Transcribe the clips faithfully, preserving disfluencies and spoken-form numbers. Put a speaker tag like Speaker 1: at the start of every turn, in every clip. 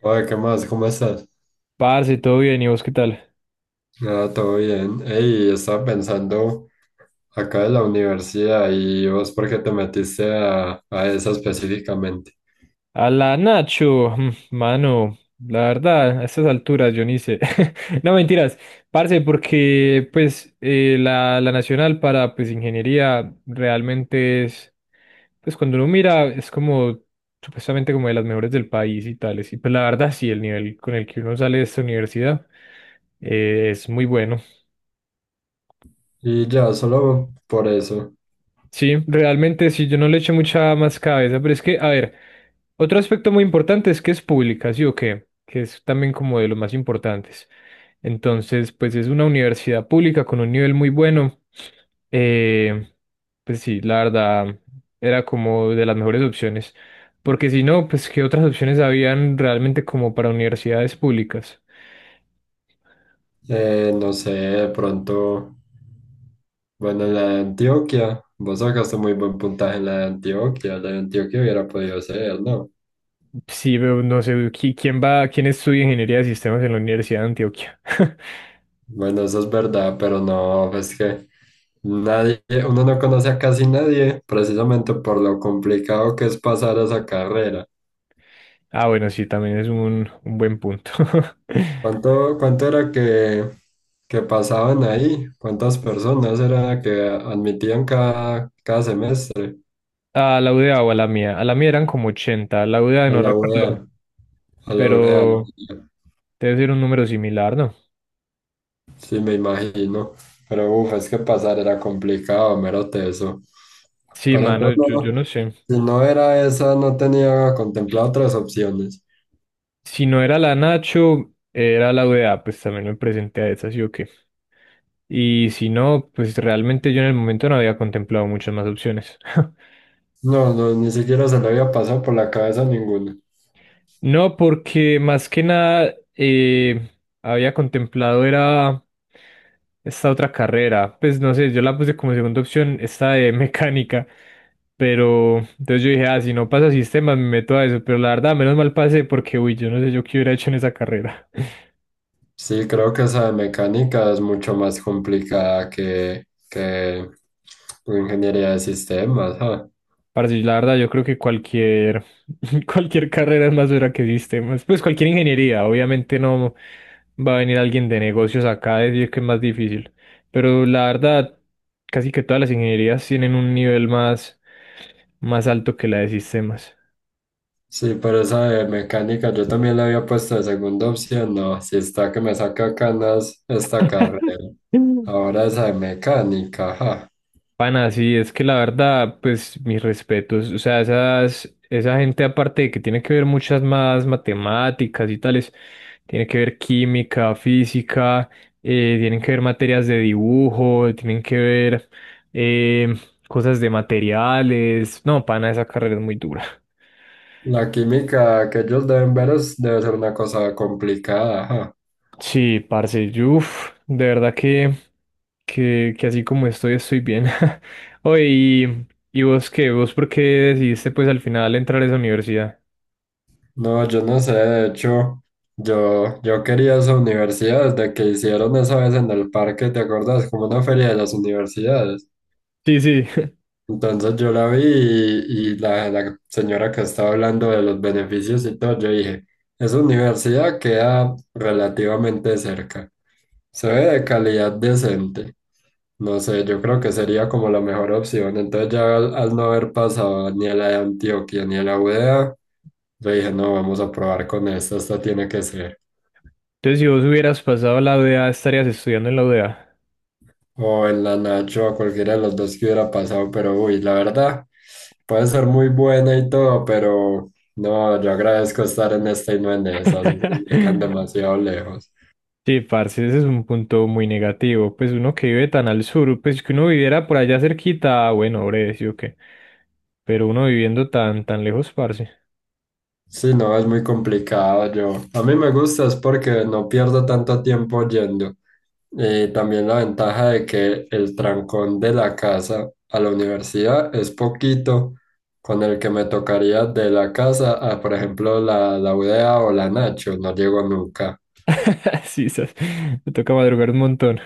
Speaker 1: Oye, ¿qué más? ¿Cómo estás?
Speaker 2: Parce, todo bien, ¿y vos qué tal?
Speaker 1: Ah, todo bien. Ey, estaba pensando acá en la universidad y vos, ¿por qué te metiste a, a esa específicamente?
Speaker 2: A la Nacho, mm, mano, la verdad, a estas alturas yo ni sé. No, mentiras, parce, porque pues eh, la, la nacional para pues ingeniería realmente es, pues cuando uno mira es como supuestamente como de las mejores del país y tales, y pues la verdad sí, el nivel con el que uno sale de esta universidad eh, es muy bueno.
Speaker 1: Y ya, solo por eso.
Speaker 2: Sí, realmente sí, yo no le eché mucha más cabeza, pero es que, a ver, otro aspecto muy importante es que es pública, ¿sí o qué? Que es también como de los más importantes. Entonces, pues es una universidad pública con un nivel muy bueno. Eh, pues sí, la verdad, era como de las mejores opciones. Porque si no, pues qué otras opciones habían realmente como para universidades públicas.
Speaker 1: Eh, no sé, de pronto, bueno, en la de Antioquia, vos sacaste muy buen puntaje en la de Antioquia, la de Antioquia hubiera podido ser, ¿no?
Speaker 2: Sí, pero no sé, ¿qui- ¿quién va, ¿quién estudia ingeniería de sistemas en la Universidad de Antioquia?
Speaker 1: Bueno, eso es verdad, pero no, es que nadie, uno no conoce a casi nadie, precisamente por lo complicado que es pasar esa carrera.
Speaker 2: Ah, bueno, sí, también es un, un buen punto.
Speaker 1: ¿Cuánto, cuánto era que, que pasaban ahí? ¿Cuántas personas era que admitían cada, cada semestre?
Speaker 2: Ah, la U D A o a la mía. A la mía eran como ochenta, La U UDA
Speaker 1: A
Speaker 2: no
Speaker 1: la U E A,
Speaker 2: recuerdo,
Speaker 1: a a la U E A.
Speaker 2: pero debe ser un número similar, ¿no?
Speaker 1: Sí, me imagino. Pero uf, es que pasar era complicado, mero teso.
Speaker 2: Sí,
Speaker 1: Pero
Speaker 2: mano,
Speaker 1: entonces,
Speaker 2: yo, yo
Speaker 1: no,
Speaker 2: no sé.
Speaker 1: si no era esa, no tenía contemplado otras opciones.
Speaker 2: Si no era la Nacho, era la U UDA, pues también me presenté a esa, ¿sí o qué? Y si no, pues realmente yo en el momento no había contemplado muchas más opciones.
Speaker 1: No, no, ni siquiera se le había pasado por la cabeza ninguna.
Speaker 2: No, porque más que nada eh, había contemplado era esta otra carrera. Pues no sé, yo la puse como segunda opción, esta de mecánica. Pero entonces yo dije, ah, si no pasa sistemas, me meto a eso. Pero la verdad, menos mal pasé porque, uy, yo no sé yo qué hubiera hecho en esa carrera.
Speaker 1: Sí, creo que esa de mecánica es mucho más complicada que, que ingeniería de sistemas. ah.
Speaker 2: Parce, la verdad, yo creo que cualquier, cualquier carrera es más dura que sistemas. Pues cualquier ingeniería, obviamente no va a venir alguien de negocios acá a decir que es más difícil. Pero la verdad, casi que todas las ingenierías tienen un nivel más, más alto que la de sistemas.
Speaker 1: Sí, pero esa de mecánica yo también la había puesto de segunda opción. No, si está que me saca canas esta carrera. Ahora esa de mecánica. Ajá.
Speaker 2: Pana, sí, es que la verdad, pues mis respetos, o sea, esas, esa gente aparte de que tiene que ver muchas más matemáticas y tales, tiene que ver química, física, eh, tienen que ver materias de dibujo, tienen que ver eh, cosas de materiales, no, pana, esa carrera es muy dura.
Speaker 1: La química que ellos deben ver es, debe ser una cosa complicada, ajá.
Speaker 2: Sí, parce, uff, de verdad que, que, que así como estoy, estoy bien. Oye, y, ¿y vos qué? ¿Vos por qué decidiste pues al final entrar a esa universidad?
Speaker 1: No, yo no sé, de hecho, yo, yo quería esa universidad desde que hicieron esa vez en el parque, ¿te acuerdas? Como una feria de las universidades.
Speaker 2: Sí, sí.
Speaker 1: Entonces yo la vi y, y la, la señora que estaba hablando de los beneficios y todo, yo dije, esa universidad queda relativamente cerca, se ve de calidad decente, no sé, yo creo que sería como la mejor opción. Entonces ya al, al no haber pasado ni a la de Antioquia ni a la UdeA, yo dije, no, vamos a probar con esta, esta tiene que ser.
Speaker 2: Entonces, si vos hubieras pasado la U D A, estarías estudiando en la U D A.
Speaker 1: O en la Nacho, a cualquiera de los dos que hubiera pasado, pero uy, la verdad, puede ser muy buena y todo, pero no, yo agradezco estar en esta y no en esas; esas me quedan demasiado lejos.
Speaker 2: Sí, parce, ese es un punto muy negativo. Pues uno que vive tan al sur, pues que uno viviera por allá cerquita, ah, bueno, breve, sí o qué. Pero uno viviendo tan, tan lejos, parce.
Speaker 1: Sí, no, es muy complicado yo. A mí me gusta es porque no pierdo tanto tiempo yendo. Y también la ventaja de que el trancón de la casa a la universidad es poquito con el que me tocaría de la casa a, por ejemplo, la, la U D A o la Nacho, no llego nunca.
Speaker 2: Sí, sas, me toca madrugar un montón.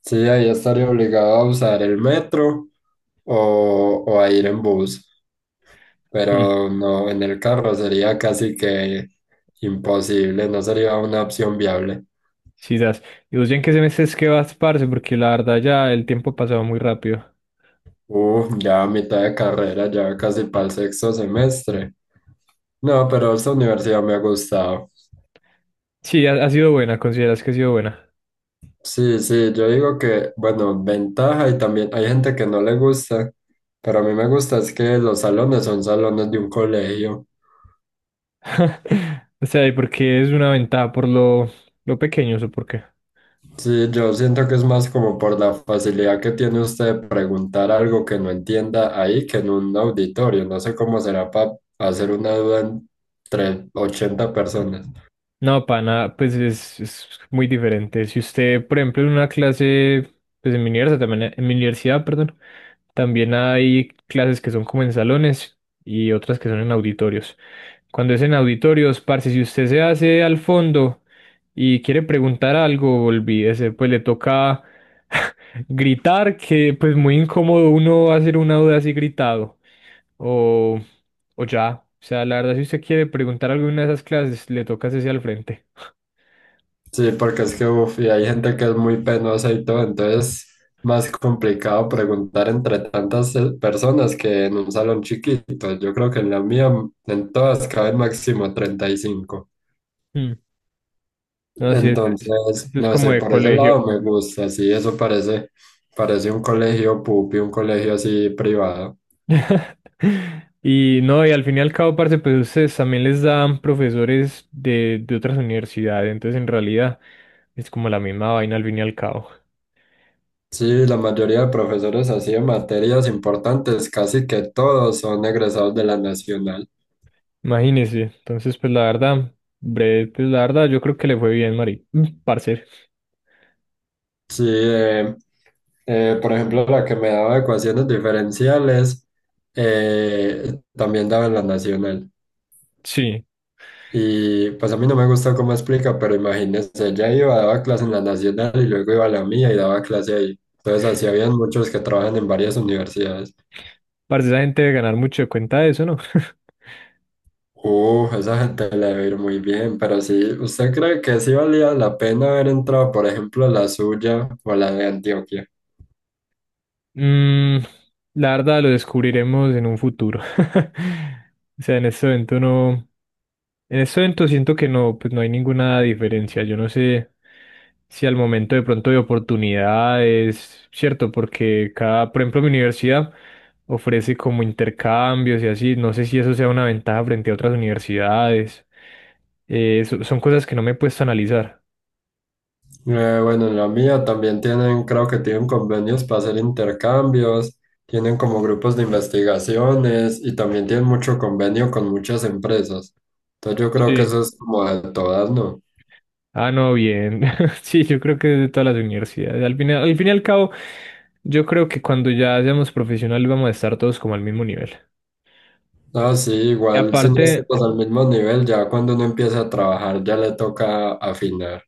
Speaker 1: Sí, ahí estaría obligado a usar el metro o, o a ir en bus, pero no, en el carro sería casi que imposible, no sería una opción viable.
Speaker 2: Sí, das. ¿Y vos ya en qué semestre es que vas, parce? Porque la verdad ya el tiempo ha pasado muy rápido.
Speaker 1: Uh, ya a mitad de carrera, ya casi para el sexto semestre. No, pero esta universidad me ha gustado.
Speaker 2: Sí, ha, ha sido buena, consideras que ha sido buena.
Speaker 1: Sí, sí, yo digo que, bueno, ventaja y también hay gente que no le gusta, pero a mí me gusta es que los salones son salones de un colegio.
Speaker 2: O sea, ¿y por qué es una ventaja? ¿Por lo, lo pequeño o por qué?
Speaker 1: Sí, yo siento que es más como por la facilidad que tiene usted de preguntar algo que no entienda ahí que en un auditorio. No sé cómo será para hacer una duda entre ochenta personas.
Speaker 2: No, pana, pues es, es muy diferente. Si usted, por ejemplo, en una clase, pues en mi universidad también, eh, en mi universidad, perdón, también hay clases que son como en salones y otras que son en auditorios. Cuando es en auditorios, parce, si usted se hace al fondo y quiere preguntar algo, olvídese, pues le toca gritar, que pues muy incómodo uno hacer una duda así gritado. O o ya, o sea, la verdad, si usted quiere preguntar alguna de esas clases, le toca hacerse al frente.
Speaker 1: Sí, porque es que uf, y hay gente que es muy penosa y todo, entonces más complicado preguntar entre tantas eh, personas que en un salón chiquito. Yo creo que en la mía, en todas, caben máximo treinta y cinco.
Speaker 2: Mm. No, sí, eso es,
Speaker 1: Entonces,
Speaker 2: es
Speaker 1: no
Speaker 2: como
Speaker 1: sé,
Speaker 2: de
Speaker 1: por ese lado
Speaker 2: colegio.
Speaker 1: me gusta, sí, eso parece, parece un colegio pupi, un colegio así privado.
Speaker 2: Y no, y al fin y al cabo, parce, pues ustedes también les dan profesores de, de otras universidades, entonces en realidad es como la misma vaina al fin y al cabo.
Speaker 1: Sí, la mayoría de profesores así en materias importantes, casi que todos son egresados de la nacional.
Speaker 2: Imagínese, entonces pues la verdad, breve, pues la verdad yo creo que le fue bien, Mari, Mm, parce.
Speaker 1: Sí, eh, eh, por ejemplo, la que me daba ecuaciones diferenciales, eh, también daba en la nacional.
Speaker 2: Sí,
Speaker 1: Y pues a mí no me gustó cómo explica, pero imagínense, ella iba, daba clase en la nacional y luego iba a la mía y daba clase ahí. Entonces así habían muchos que trabajan en varias universidades.
Speaker 2: parce, esa gente debe ganar mucho de cuenta de eso, ¿no?
Speaker 1: Uh, esa gente le debe ir muy bien, pero sí, ¿usted cree que sí valía la pena haber entrado, por ejemplo, a la suya o a la de Antioquia?
Speaker 2: Mm, la verdad lo descubriremos en un futuro. O sea, en este evento no. En este evento siento que no, pues no hay ninguna diferencia. Yo no sé si al momento de pronto de oportunidades, cierto, porque cada, por ejemplo, mi universidad ofrece como intercambios y así. No sé si eso sea una ventaja frente a otras universidades. Eh, so- son cosas que no me he puesto a analizar.
Speaker 1: Eh, bueno, en la mía también tienen, creo que tienen convenios para hacer intercambios, tienen como grupos de investigaciones y también tienen mucho convenio con muchas empresas. Entonces yo creo que
Speaker 2: Sí.
Speaker 1: eso es como de todas, ¿no?
Speaker 2: Ah, no, bien. Sí, yo creo que de todas las universidades. Al final, al fin y al cabo. Yo creo que cuando ya seamos profesionales vamos a estar todos como al mismo nivel.
Speaker 1: Ah, sí,
Speaker 2: Y
Speaker 1: igual si no
Speaker 2: aparte,
Speaker 1: estamos al mismo nivel, ya cuando uno empieza a trabajar ya le toca afinar.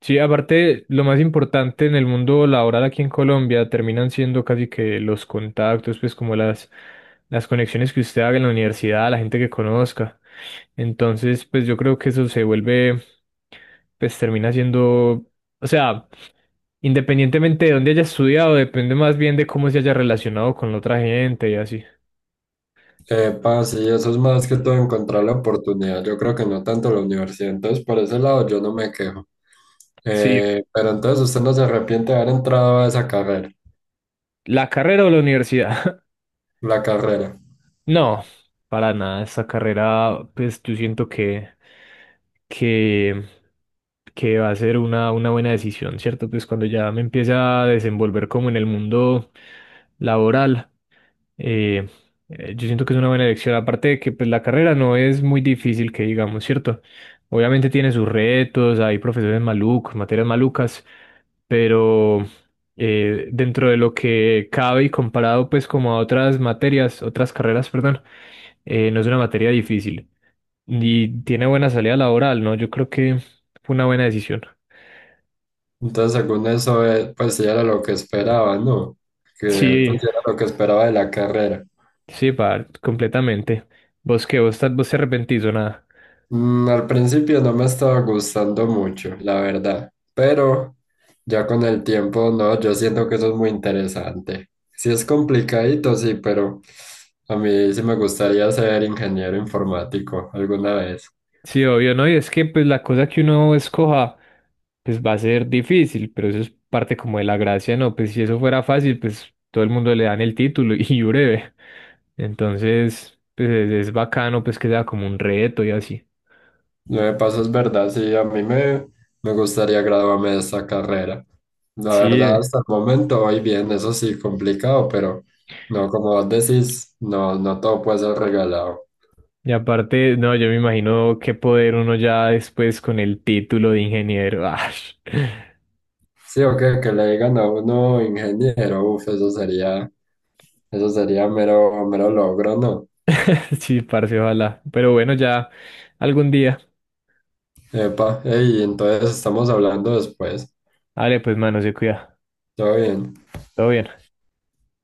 Speaker 2: sí, aparte, lo más importante en el mundo laboral aquí en Colombia terminan siendo casi que los contactos, pues como las, las conexiones que usted haga en la universidad, la gente que conozca. Entonces, pues yo creo que eso se vuelve, pues termina siendo, o sea, independientemente de dónde haya estudiado, depende más bien de cómo se haya relacionado con la otra gente y así.
Speaker 1: Epa, sí, eso es más que todo encontrar la oportunidad. Yo creo que no tanto la universidad, entonces por ese lado yo no me quejo.
Speaker 2: Sí,
Speaker 1: Eh, pero entonces usted no se arrepiente de haber entrado a esa carrera,
Speaker 2: la carrera o la universidad.
Speaker 1: la carrera.
Speaker 2: No, para nada. Esta carrera, pues yo siento que, que, que va a ser una, una buena decisión, ¿cierto? Pues cuando ya me empiece a desenvolver como en el mundo laboral, eh, eh, yo siento que es una buena elección, aparte de que pues, la carrera no es muy difícil, que digamos, ¿cierto? Obviamente tiene sus retos, hay profesores malucos, materias malucas, pero eh, dentro de lo que cabe y comparado pues como a otras materias, otras carreras, perdón, eh, no es una materia difícil y tiene buena salida laboral, ¿no? Yo creo que fue una buena decisión.
Speaker 1: Entonces, según eso, eh, pues sí era lo que esperaba, ¿no? Que
Speaker 2: Sí,
Speaker 1: pues sí era lo que esperaba de la carrera.
Speaker 2: sí, par, completamente. ¿Vos qué? ¿Vos, ta- vos te arrepentís o nada?
Speaker 1: Mm, al principio no me estaba gustando mucho, la verdad, pero ya con el tiempo, no, yo siento que eso es muy interesante. Sí es complicadito, sí, pero a mí sí me gustaría ser ingeniero informático alguna vez.
Speaker 2: Sí, obvio, ¿no? Y es que pues la cosa que uno escoja pues va a ser difícil, pero eso es parte como de la gracia, ¿no? Pues si eso fuera fácil, pues todo el mundo le dan el título y breve. Entonces, pues es, es bacano pues que sea como un reto y así.
Speaker 1: Lo que pasa es verdad, sí, a mí me, me gustaría graduarme de esta carrera. La verdad,
Speaker 2: Sí,
Speaker 1: hasta el momento voy bien, eso sí, complicado, pero no, como vos decís, no, no todo puede ser regalado.
Speaker 2: y aparte, no, yo me imagino qué poder uno ya después con el título de ingeniero. Ash.
Speaker 1: Sí, o que, que le digan a uno ingeniero, uff, eso sería, eso sería mero, mero logro, ¿no?
Speaker 2: Sí, parce, ojalá. Pero bueno, ya algún día.
Speaker 1: Epa, ey, entonces estamos hablando después.
Speaker 2: Vale, pues mano, se cuida.
Speaker 1: Todo bien.
Speaker 2: Todo bien.